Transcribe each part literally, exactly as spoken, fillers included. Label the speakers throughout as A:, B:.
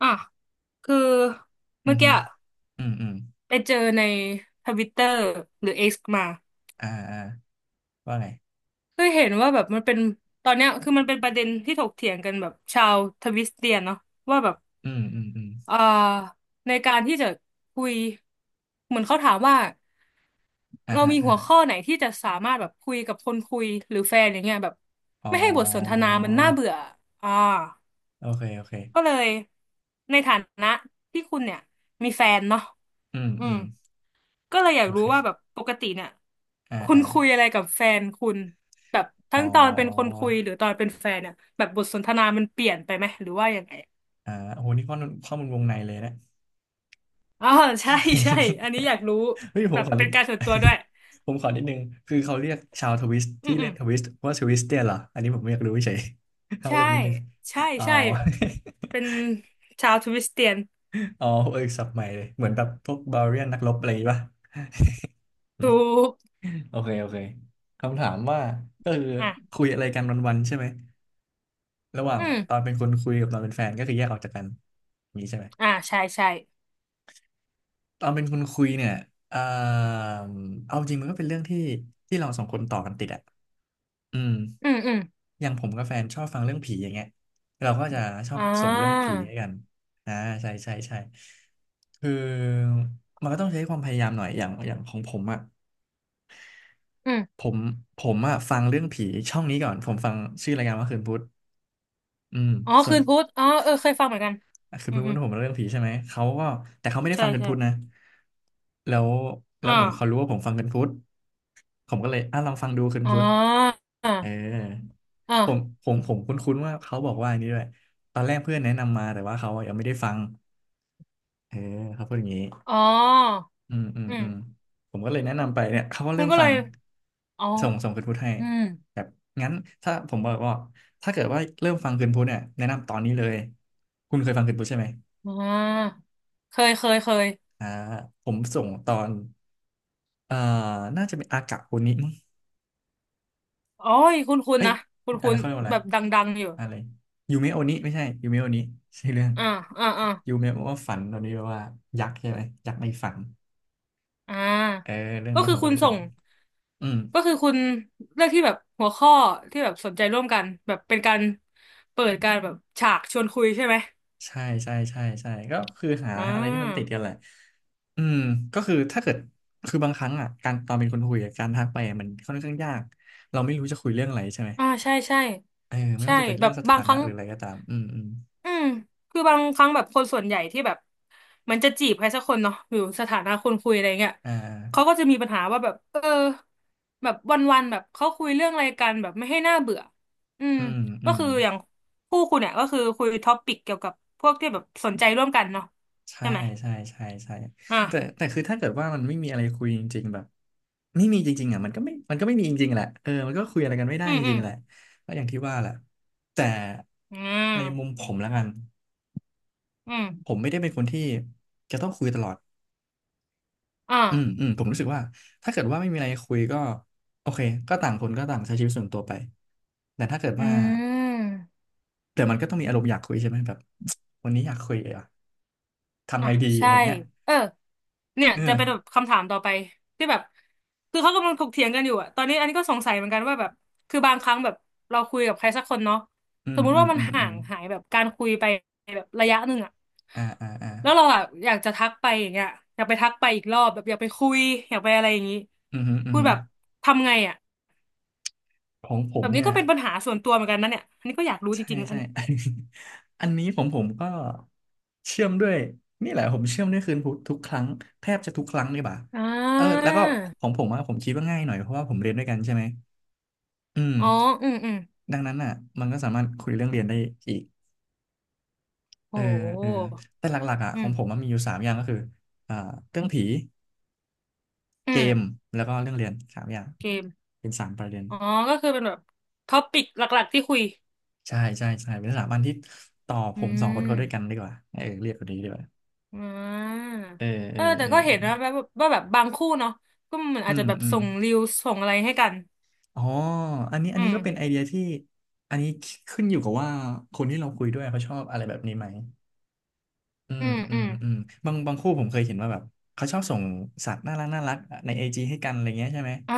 A: อ่ะคือ
B: อื
A: เมื่
B: ม
A: อ
B: ฮึ
A: กี้
B: อืมอืม
A: ไปเจอในทวิตเตอร์หรือเอ็กซ์มา
B: อ่าอ่าว่าไง
A: คือเห็นว่าแบบมันเป็นตอนเนี้ยคือมันเป็นประเด็นที่ถกเถียงกันแบบชาวทวิสเตียนเนาะว่าแบบ
B: อืมอืมอืม
A: อ่าในการที่จะคุยเหมือนเขาถามว่า
B: อ่า
A: เรา
B: ฮะ
A: มี
B: อ่า
A: หัวข้อไหนที่จะสามารถแบบคุยกับคนคุยหรือแฟนอย่างเงี้ยแบบ
B: อ๋
A: ไม่ให้บทสนท
B: อ
A: นามันน่าเบื่ออ่า
B: โอเคโอเค
A: ก็เลยในฐานะที่คุณเนี่ยมีแฟนเนาะ
B: อืม
A: อื
B: อื
A: ม
B: ม
A: ก็เลยอยา
B: โอ
A: กรู้ว่าแบบ
B: เค
A: ปกติเนี่ย
B: อ่า
A: คุณ
B: อ่า
A: คุยอะไรกับแฟนคุณแบบ
B: อ๋
A: ทั้
B: อ
A: งตอนเป็นคนคุยหรือตอนเป็นแฟนเนี่ยแบบบทสนทนามันเปลี่ยนไปไหมหรือว่ายังไง
B: อ่าโอ้โหนี่ข้อมูลข้อมูลวงในเลยนะ
A: อ๋อใช่ใช่อันนี้อ ยากรู้
B: เฮ้ยผ
A: แบ
B: ม
A: บ
B: ขอนิ
A: เป็
B: ด
A: นการส่วน ตัวด้วย
B: ผมขอนิดนึงคือเขาเรียกชาวทวิสต์
A: อืม
B: ที่
A: อื
B: เล่
A: ม
B: นทวิสต์ว่าทวิสเตียนเหรออันนี้ผมไม่อยากรู้เฉย เอา
A: ใช่
B: เรื่องนิดนึง
A: ใช่
B: อ๋อ
A: ใช่เป็นชาวทริสเตียน
B: อ๋อเออศัพท์ใหม่เลย เหมือนแบบพวกบา r เรียนนักรบอะไรอย่างงี้ป่ะ
A: ถู ก
B: โอเค โอเคคำถามว่าก็คือ
A: อ่ะ
B: คุยอะไรกันวันๆใช่ไหมระหว่า
A: อื
B: งตอน
A: ม
B: เป็นคนคุยกับตอนเป็นแฟนก็คือแยกออกจากกันอย่างนี้ใช่ไหม
A: อ่าใช่ใช่
B: ตอนเป็นคนคุยเนี่ยเอ่อเอาจริงมันก็เป็นเรื่องที่ที่เราสองคนต่อกันติดอ่ะอืม
A: อืมอืม
B: อย่างผมกับแฟนชอบฟังเรื่องผีอย่างเงี้ยเราก็จะชอ
A: อ่
B: บส่งเรื่อง
A: า
B: ผีให้กันอ่าใช่ใช่ใช่คือมันก็ต้องใช้ความพยายามหน่อยอย่างอย่างของผมอ่ะ
A: อื
B: ผ
A: ม
B: มผมอ่ะฟังเรื่องผีช่องนี้ก่อน ผมฟังชื่อรายการว่าคืนพุธ อืม
A: อ๋อ
B: ส่ว
A: คื
B: น
A: นพุธอ๋อเออเคยฟังเหมือนกัน
B: คือ
A: อื
B: เพื่
A: ม
B: อ
A: อืม
B: นผมเรื่องผีใช่ไหมเขาก็แต่เขาไม่ได้
A: ใช่
B: ฟังกันพุทธนะ
A: ใช่
B: แล้วแล้วเหมือนเขา
A: อ่า
B: รู้ว่าผมฟังกันพุทธผมก็เลยอ่ะลองฟังดูกัน
A: อ๋อ
B: พุทธ
A: อ่า
B: เออผม
A: อ่า
B: ผมผมคุ้นๆว่าเขาบอกว่าอันนี้ด้วยตอนแรกเพื่อนแนะนำมาแต่ว่าเขายังไม่ได้ฟังเออเขาพูดอย่างนี้
A: อ๋อ
B: อืมอืม
A: อืม
B: อืมผมก็เลยแนะนำไปเนี่ยเขาก็
A: คุ
B: เริ่
A: ณ
B: ม
A: ก็
B: ฟั
A: เล
B: ง
A: ยอ๋อ
B: ส่งส่งคืนพุทธให้
A: อืม
B: แบบงั้นถ้าผมบอกว่าถ้าเกิดว่าเริ่มฟังคืนพุทธเนี่ยแนะนำตอนนี้เลยคุณเคยฟังคืนพุทธใช่ไหม
A: อ่าเคยเคยเคย
B: อ่าผมส่งตอนเอ่อน่าจะเป็นอากะโอนิมั้ง
A: โอ้ยคุณคุณ
B: เอ้ย
A: นะคุณ
B: อะ
A: คุ
B: ไร
A: ณ
B: เขาเรียกว่าอะ
A: แบ
B: ไร
A: บดังๆอยู่
B: อะไรยูเมะโอนิไม่ใช่ยูเมะโอนิใช่เรื่อง
A: อ่าอ่าอ่า
B: ยูเมะว่าฝันตอนนี้แปลว่ายักษ์ใช่ไหมยักษ์ในฝัน
A: อ่
B: เออ
A: า
B: เรื่อง
A: ก็
B: นี้
A: คื
B: ผ
A: อ
B: มก็
A: คุณ
B: เลยส่
A: ส่
B: ง
A: ง
B: อืม
A: ก็คือคุณเลือกที่แบบหัวข้อที่แบบสนใจร่วมกันแบบเป็นการเปิดการแบบฉากชวนคุยใช่ไหม
B: ใช่ใช่ใช่ใช่ก็คือหา
A: อ่
B: อะไรที่มันติด
A: า
B: กันแหละอืมก็คือถ้าเกิดคือบางครั้งอ่ะการตอนเป็นคนคุยอะการทักไปอะมันค่อนข้างยากเราไม่รู้จะคุยเรื่องอะไรใช่ไหม
A: อ่าใช่ใช่
B: เออไม่
A: ใช่
B: ว่าจะเป็น
A: แบ
B: เรื่อ
A: บ
B: งส
A: บา
B: ถา
A: งค
B: นะ
A: รั้ง
B: หรืออะไรก็ตามอืมอืม
A: อืมคือบางครั้งแบบคนส่วนใหญ่ที่แบบมันจะจีบใครสักคนเนาะหรือสถานะคนคุยอะไรเงี้ย
B: อ่า
A: เขาก็จะมีปัญหาว่าแบบเออแบบวันๆแบบเขาคุยเรื่องอะไรกันแบบไม่ให้น่าเบื่ออืม
B: อืมอื
A: ก็
B: ม
A: คืออย่างคู่คุณเนี่ยก็คือคุยท็อปปิกเกี่ยวกับพวกที่แบบสนใจร่วมกันเนาะ
B: ใช่
A: ใช่ไหม
B: ใช่ใช่ใช่
A: อ่ะ
B: แต่แต่คือถ้าเกิดว่ามันไม่มีอะไรคุยจริงๆแบบไม่มีจริงๆอ่ะมันก็ไม่มันก็ไม่มีจริงๆแหละเออมันก็คุยอะไรกันไม่ได้
A: อืม
B: จ
A: อื
B: ริ
A: ม
B: งๆแหละก็อย่างที่ว่าแหละแต่
A: อื
B: ในมุม
A: ม
B: ผมและกัน
A: อืม
B: ผมไม่ได้เป็นคนที่จะต้องคุยตลอด
A: อ่า
B: อืมอืมผมรู้สึกว่าถ้าเกิดว่าไม่มีอะไรคุยก็โอเคก็ต่างคนก็ต่างใช้ชีวิตส่วนตัวไปแต่ถ้าเกิด
A: อื
B: ว่า
A: ม
B: แต่มันก็ต้องมีอารมณ์อยากคุยใช่ไหมแบบ วันนี้อยากคุยอ่ะทำ
A: อ่ะ
B: ไงดีอะ
A: ใช่
B: ไรเงี้ย
A: เออเนี่ย
B: เออ
A: จะเป็นแบบคำถามต่อไปที่แบบคือเขากำลังถกเถียงกันอยู่อะตอนนี้อันนี้ก็สงสัยเหมือนกันว่าแบบคือบางครั้งแบบเราคุยกับใครสักคนเนาะ
B: อื
A: ส
B: ม
A: มมุ
B: อื
A: ติ
B: ม
A: ว่ามัน
B: อืม
A: ห่า
B: อืม
A: งหายแบบการคุยไปแบบระยะหนึ่งอะ
B: อ่าอ่าอ่า
A: แล้วเราอะอยากจะทักไปอย่างเงี้ยอยากไปทักไปอีกรอบแบบอยากไปคุยอยากไปอะไรอย่างงี้
B: อือหืออือ
A: พูด
B: หือ
A: แบบทำไงอะ
B: ของผ
A: แบ
B: ม
A: บนี้
B: เนี่
A: ก็
B: ย
A: เป็นปัญหาส่วนตัวเหมือนกันนะเนี่ยอันนี้ก็อยากรู้จ
B: ใช่
A: ริงๆนะอัน
B: ใช่
A: เนี้ย
B: อันนี้ผมผมก็เชื่อมด้วยนี่แหละผมเชื่อมด้วยคืนพุธทุกครั้งแทบจะทุกครั้งเลยบ่า
A: อ่
B: เออแล้
A: า
B: วก็ของผมอะผมคิดว่าง่ายหน่อยเพราะว่าผมเรียนด้วยกันใช่ไหมอืม
A: อ๋ออืมอืม
B: ดังนั้นอ่ะมันก็สามารถคุยเรื่องเรียนได้อีก
A: โ
B: เออเออ
A: ห
B: แต่หลักๆอ่ะ
A: อื
B: ของผม
A: ม
B: มันมีอยู่สามอย่างก็คืออ่าเรื่องผี
A: อื
B: เก
A: ม
B: มแล้วก็เรื่องเรียนสามอย่าง
A: โอเค
B: เป็นสามประเด็น
A: อ๋อก็คือเป็นแบบท็อปิกหลักๆที่คุย
B: ใช่ใช่ใช่เป็นสถาบันที่ต่อผ
A: อื
B: มสองคน
A: ม
B: เขาด้วยกันดีกว่าเออเรียกคนนี้ดีกว่า
A: อ่า
B: เออเอ
A: เอ
B: อ
A: อแต่
B: เออ
A: ก็เห็
B: เออ
A: นนะแบบว่าแบบบางคู่เนาะก็เหมือน
B: อื
A: อาจจะ
B: ม
A: แบบ
B: อืม
A: ส่งรีวส่งอะไรให้กัน
B: อ๋ออันนี้อั
A: อื
B: นนี้
A: ม
B: ก็เป็นไอเดียที่อันนี้ขึ้นอยู่กับว่าคนที่เราคุยด้วยเขาชอบอะไรแบบนี้ไหมอื
A: อื
B: ม
A: ม
B: อื
A: อื
B: ม
A: ม
B: อืมบางบางคู่ผมเคยเห็นว่าแบบเขาชอบส่งสัตว์น่ารักน่ารักในไอจีให้กันอะไรเงี้ยใช่ไหม
A: อ่า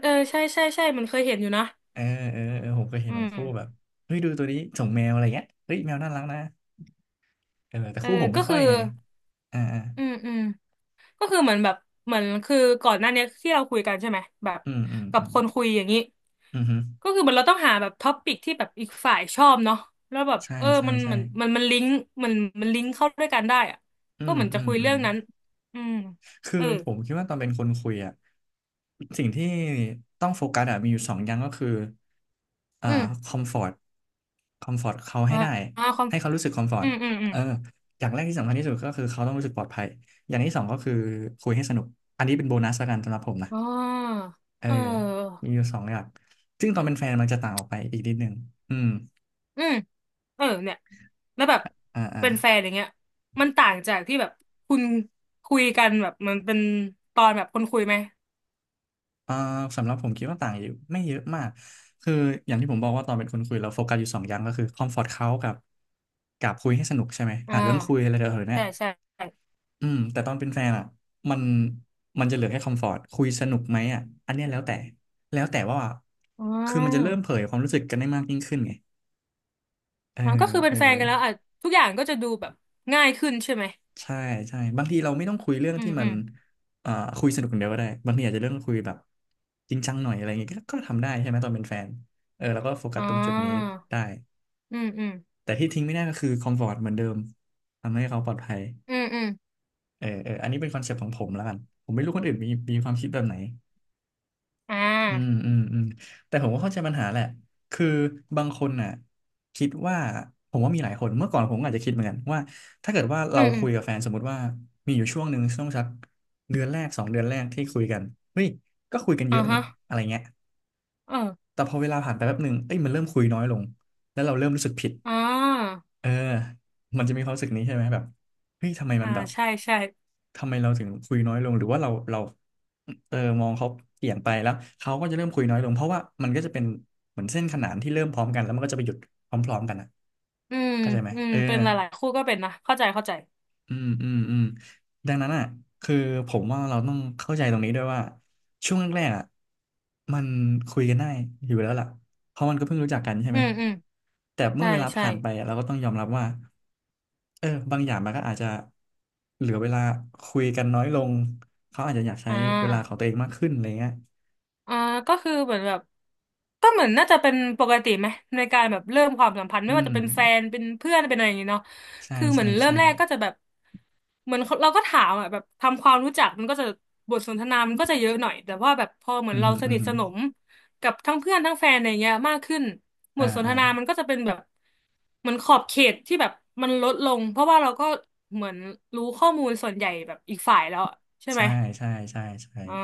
A: เออใช่ใช่ใช่มันเคยเห็นอยู่นะ
B: เออเออเออผมเคยเห็
A: อื
B: นบาง
A: ม
B: คู่แบบเฮ้ยดูตัวนี้ส่งแมวอะไรเงี้ยเฮ้ยแมวน่ารักนะเออแต่
A: เออ
B: คู่ผมไม่
A: ก็
B: ค่
A: คื
B: อย
A: อ
B: ไงอ่าอ่า
A: อืมอืมก็คือเหมือนแบบ เหมือนคือก่อนหน้านี้ที่เราคุยกันใช่ไหมแบบ
B: อืมอืม
A: กับ
B: อืม
A: คนคุยอย่างนี้
B: อืมฮึ
A: ก็คือเหมือนเราต้องหาแบบท็อปิกที่แบบอีกฝ่ายชอบเนาะแล้วแบบ
B: ใช่
A: เออ
B: ใช่
A: มัน
B: ใช่
A: มันมันมันลิงก์มันมันลิงก์เข้าด้วยกันได้อะ
B: อื
A: ก็
B: ม
A: เหมือน
B: อื
A: จะ
B: ม
A: คุย
B: อื
A: เรื่
B: ม
A: องนั้นอืม
B: คือ
A: เออ
B: ผมคิดว่าตอนเป็นคนคุยอ่ะสิ่งที่ต้องโฟกัสอ่ะมีอยู่สองอย่างก็คืออ่า
A: อื
B: ค
A: ม
B: อมฟอร์ตคอมฟอร์ตเขา
A: อ่า
B: ให้ได้
A: อ่าความ
B: ให้เขารู้สึกคอมฟอร์
A: อื
B: ต
A: มอืมอืม
B: เอออย่างแรกที่สำคัญที่สุดก็คือเขาต้องรู้สึกปลอดภัยอย่างที่สองก็คือคุยให้สนุกอันนี้เป็นโบนัสละกันสำหรับผมนะ
A: อ๋อ
B: เออ
A: เออ
B: มีอยู่สองอย่างซึ่งตอนเป็นแฟนมันจะต่างออกไปอีกนิดนึงอืม
A: อืมเออเนี่ยแล้วแบบ
B: อ่าอ่า
A: เป็นแฟนอย่างเงี้ยมันต่างจากที่แบบคุณคุยกันแบบมันเป็นตอนแบบคนคุยไหม
B: อ่าสำหรับผมคิดว่าต่างอยู่ไม่เยอะมากคืออย่างที่ผมบอกว่าตอนเป็นคนคุยเราโฟกัสอยู่สองอย่างก็คือคอมฟอร์ตเขากับกับคุยให้สนุกใช่ไหม
A: อ่า
B: หาเรื่องคุยอะไรเดี๋ยวเนี่
A: ใช่
B: ย
A: ใช่
B: อืมแต่ตอนเป็นแฟนอ่ะมันมันจะเหลือแค่คอมฟอร์ตคุยสนุกไหมอ่ะอันเนี้ยแล้วแต่แล้วแต่ว่า
A: อ๋
B: คือมันจะเริ่
A: อ
B: มเผยความรู้สึกกันได้มากยิ่งขึ้นไงเออ
A: อ๋อก็คือเป็
B: เอ
A: น
B: อ
A: แฟนกันแล้วอ่ะทุกอย่างก็จะดูแบบง่ายขึ้นใช่ไหม
B: ใช่ใช่บางทีเราไม่ต้องคุยเรื่อง
A: อื
B: ที่
A: ม
B: มั
A: อื
B: น
A: ม
B: เอ่อคุยสนุกอย่างเดียวก็ได้บางทีอาจจะเรื่องคุยแบบจริงจังหน่อยอะไรอย่างเงี้ยก็ก็ทำได้ใช่ไหมตอนเป็นแฟนเออแล้วก็โฟกั
A: อ๋
B: ส
A: อ
B: ตรงจุดนี้ได้
A: อืมอืม
B: แต่ที่ทิ้งไม่ได้ก็คือคอมฟอร์ตเหมือนเดิมทำให้เขาปลอดภัย
A: อืมอืม
B: เออเอออันนี้เป็นคอนเซ็ปต์ของผมแล้วกันผมไม่รู้คนอื่นมีมีความคิดแบบไหน
A: อ่
B: อืม
A: า
B: อืมอืมแต่ผมก็เข้าใจปัญหาแหละคือบางคนน่ะคิดว่าผมว่ามีหลายคนเมื่อก่อนผมก็อาจจะคิดเหมือนกันว่าถ้าเกิดว่า
A: อื
B: เรา
A: มอื
B: คุ
A: ม
B: ยกับแฟนสมมติว่ามีอยู่ช่วงหนึ่งช่วงสักเดือนแรกสองเดือนแรกที่คุยกันเฮ้ยก็คุยกันเย
A: อ่า
B: อะนี่
A: ฮะ
B: อะไรเงี้ย
A: เออ
B: แต่พอเวลาผ่านไปแป๊บหนึ่งเอ้ยมันเริ่มคุยน้อยลงแล้วเราเริ่มรู้สึกผิด
A: อ่า
B: เออมันจะมีความรู้สึกนี้ใช่ไหมแบบเฮ้ยทำไมมั
A: อ่า
B: นแบบ
A: ใช่ใช่
B: ทำไมเราถึงคุยน้อยลงหรือว่าเราเราเออมองเขาเปลี่ยนไปแล้วเขาก็จะเริ่มคุยน้อยลงเพราะว่ามันก็จะเป็นเหมือนเส้นขนานที่เริ่มพร้อมกันแล้วมันก็จะไปหยุดพร้อมๆกันอ่ะ
A: อืม
B: เข้าใจไหม
A: อืม
B: เออ
A: เป็นหลายๆคู่ก็เป็นนะเข้าใจเข้าใจ
B: อืมอืมอืมดังนั้นอ่ะคือผมว่าเราต้องเข้าใจตรงนี้ด้วยว่าช่วงแรกๆอ่ะมันคุยกันได้อยู่แล้วล่ะเพราะมันก็เพิ่งรู้จักกันใช่
A: อื
B: ไหม
A: มอืม
B: แต่เมื่
A: ใช่
B: อเวลา
A: ใช่
B: ผ่านไปอะเราก็ต้องยอมรับว่าเออบางอย่างมันก็อาจจะเหลือเวลาคุยกันน้อยลงเขาอาจจะอยากใช้
A: อ่
B: เวลาของตั
A: า
B: วเองมากขึ้นอะไรเงี้ย
A: อ่าก็คือเหมือนแบบก็เหมือนน่าจะเป็นปกติไหมในการแบบเริ่มความสัมพันธ์
B: อื
A: ไม่ว่า
B: ม
A: จะเป็นแฟนเป็นเพื่อนเป็นอะไรอย่างงี้เนาะ
B: ใช่
A: คือเหมือ
B: ใช่
A: นเริ่ม
B: ใช่
A: แรกก็จะแบบเหมือนเราก็ถามอ่ะแบบทำความรู้จักมันก็จะบทสนทนามันก็จะเยอะหน่อยแต่ว่าแบบพอเหมื
B: อื
A: อน
B: ม
A: เรา
B: ฮึ
A: ส
B: อืม
A: นิท
B: ฮึ
A: สนมกับทั้งเพื่อนทั้งแฟนอะไรเงี้ยมากขึ้นบ
B: อ่า
A: ทสนท
B: อ่า
A: นามันก็จะเป็นแบบเหมือนขอบเขตที่แบบมันลดลงเพราะว่าเราก็เหมือนรู้ข้อมูลส่วนใหญ่แบบอีกฝ่ายแล้วอะใช่ไหม
B: ใช่ใช่ใช่ใช่
A: อ๋อ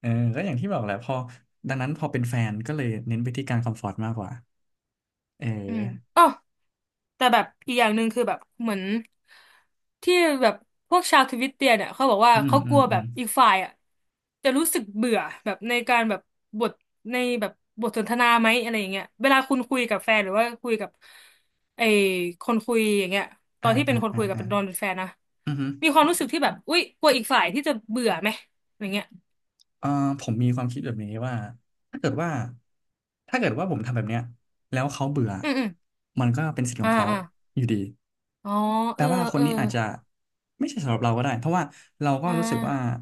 B: เออก็อย่างที่บอกแหละพอดังนั้นพอเป็นแฟนก็เลยเน้นไปที่การคอมฟอร์ตมากกว่าเออ
A: อืมอ๋อ แต่แบบอีกอย่างหนึ่งคือแบบเหมือนที่แบบพวกชาวทวิตเตียเนี่ยเขาบอกว่า
B: อืม
A: เขา
B: อื
A: กลั
B: ม
A: ว
B: อื
A: แบ
B: ม
A: บอีกฝ่ายอ่ะจะรู้สึกเบื่อแบบในการแบบบทในแบบบทสนทนาไหมอะไรอย่างเงี้ยเวลาคุณคุยกับแฟนหรือว่าคุยกับไอ้คนคุยอย่างเงี้ยต
B: อ่า
A: อนที่เป็
B: อ่า
A: นคน
B: อ่า
A: คุยกับ
B: อ่า
A: เป็นตอนเป็นแฟนนะ
B: อืมฮึ
A: มีความรู้สึกที่แบบอุ๊ยกลัวอีกฝ่ายที่จะเบื่อไหมอย่างเงี้ย
B: เอ่อผมมีความคิดแบบนี้ว่าถ้าเกิดว่าถ้าเกิดว่าผมทำแบบเนี้ยแล้วเขาเบื่อ
A: อืมอืม
B: มันก็เป็นสิทธิ์ขอ
A: อ่า
B: งเขา
A: อ่า
B: อยู่ดี
A: อ๋อ
B: แปล
A: เออ
B: ว่าค
A: เอ
B: น
A: อ
B: นี้อาจจะไม่ใช่สำหรับเราก็ได้เพราะว่าเราก็
A: อ่
B: รู้สึกว่า
A: า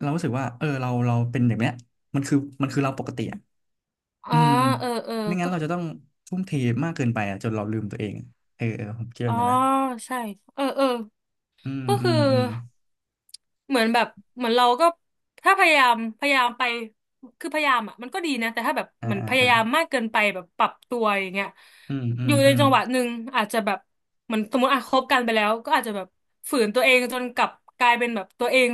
B: เรารู้สึกว่าเออเราเราเป็นแบบเนี้ยมันคือมันคือเราปกติอะ
A: อ๋อ
B: อืม
A: เออเออ
B: ไม่งั้
A: ก็
B: นเราจะต้องทุ่มเทมากเกินไปอะจนเราลืมตัวเองเออเออผมคิดแบ
A: อ๋อ
B: บนี้นะ
A: ใช่เออเออ
B: อืม
A: ก็
B: อื
A: คือ
B: มอืม
A: เหมือนแบบเหมือนเราก็ถ้าพยายามพยายามไปคือพยายามอ่ะมันก็ดีนะแต่ถ้าแบบ
B: อ่า
A: เหมือน
B: อ่า
A: พยา
B: อ่า
A: ยามมากเกินไปแบบปรับตัวอย่างเงี้ย
B: อืมอื
A: อ
B: ม
A: ยู่ใน
B: อืม
A: จังหวะหนึ่งอาจจะแบบเหมือนสมมติอ่ะคบกันไปแล้วก็อาจจะแบบฝืนตัวเองจนกลับกลายเป็นแบบตัวเอง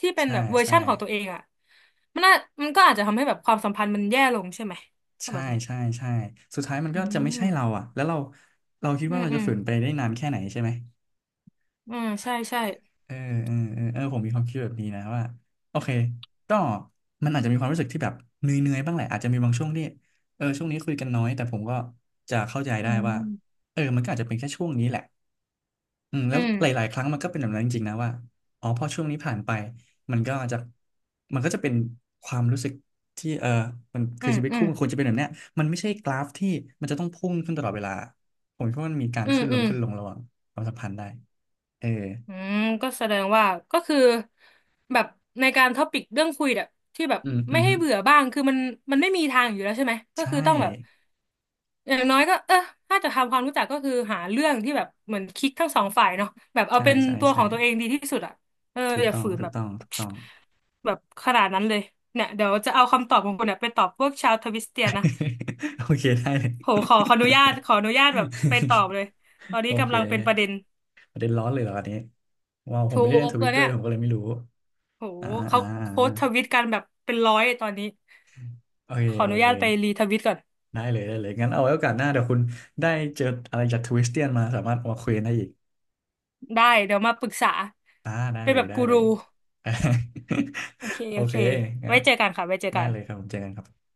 A: ที่เป็น
B: ใช่
A: แบบเวอร์
B: ใช่
A: ชั่นของตัวเองอ่ะมันน่ามันก็อาจจะทำให้แบบความสัมพันธ์มันแย่ลงใช่ไหมถ้า
B: ใช่
A: แบบเนี้ย
B: ใช่ใช่สุดท้ายมัน
A: อื
B: ก็จะไม่
A: ม
B: ใช่เราอ่ะแล้วเราเราคิด
A: อื
B: ว่า
A: ม
B: เรา
A: อื
B: จะ
A: ม
B: ฝืนไปได้นานแค่ไหนใช่ไหม
A: อืมใช่ใช่
B: เออเออเออเออผมมีความคิดแบบนี้นะว่าโอเคก็มันอาจจะมีความรู้สึกที่แบบเหนื่อยๆบ้างแหละอาจจะมีบางช่วงที่เออช่วงนี้คุยกันน้อยแต่ผมก็จะเข้าใจ
A: อื
B: ได้ว่า
A: ม
B: เออมันก็อาจจะเป็นแค่ช่วงนี้แหละ อืม
A: อื
B: แล้ว
A: ม
B: หลายๆครั้งมันก็เป็นแบบนั้นจริงๆนะว่าอ๋อพอช่วงนี้ผ่านไปมันก็จะมันก็จะเป็นความรู้สึกที่เออมัน
A: อื
B: คือ
A: ม
B: ชีวิต
A: อื
B: คู่
A: ม
B: มันควรจะเป็นแบบเนี้ยมันไม่ใช่กราฟที่มันจะต้องพุ่งขึ้นตลอดเวลาผมคิดว่ามันมีการ
A: อืม
B: ขึ้นล
A: อื
B: ง
A: ม
B: ขึ้นลงระหว่างความสัมพันธ์ได้เออ
A: อืมก็แสดงว่าก็คือแบบในการท็อปิกเรื่องคุยแบบที่แบบ
B: อืมอื
A: ไม่
B: ม
A: ให้
B: ฮึ
A: เบื่อบ้างคือมันมันไม่มีทางอยู่แล้วใช่ไหมก็
B: ใช่
A: คือต้องแบบอย่างน้อยก็เออถ้าจะทำความรู้จักก็คือหาเรื่องที่แบบเหมือนคลิกทั้งสองฝ่ายเนาะแบบเอา
B: ใช่
A: เป็น
B: ใช่
A: ตัวข
B: ใช่
A: องตัวเองดีที่สุดอ่ะเออ
B: ถูก
A: อย่า
B: ต้อง
A: ฝืน
B: ถู
A: แบ
B: ก
A: บ
B: ต้องถูกต้อง
A: แบบขนาดนั้นเลยเนี่ยเดี๋ยวจะเอาคำตอบของคุณเนี่ยไปตอบพวกชาวทวิสเตียนนะ
B: โอเคได้เลย
A: โหขอขออนุญาตขออนุญาตแบบไปตอบเลยตอน
B: โอ
A: นี้
B: เค
A: กำลังเป็นประเด็น
B: ประเด็นร้อนเลยเหรออันนี้ว้าวผมไม่
A: ถู
B: ได้เล่น
A: ก
B: ท
A: เล
B: วิต
A: ย
B: ด้ว
A: เนี่
B: ย
A: ย
B: ผมก็เลยไม่รู้
A: โห
B: อ่า
A: เขา
B: อ่าอ่า
A: โค้ชทวิตกันแบบเป็นร้อยตอนนี้
B: โอเค
A: ขออ
B: โอ
A: นุ
B: เค
A: ญาตไปรีทวิตก่อน
B: ได้เลยได้เลยงั้นเอาไว้โอกาสหน้าเดี๋ยวคุณได้เจออะไรจากทวิสเตียนมาสามารถเอามาคุยกันได้อีก
A: ได้เดี๋ยวมาปรึกษา
B: อ่าได้
A: เป็น
B: เล
A: แบ
B: ย
A: บ
B: ได้
A: กู
B: เล
A: รู
B: ย
A: โอเค
B: โอ
A: โอ
B: เค
A: เค
B: งั้
A: ไว้
B: น
A: เจอกันค่ะไว้เจอ
B: ได้
A: กัน
B: เลยครับผมเจอกันครับ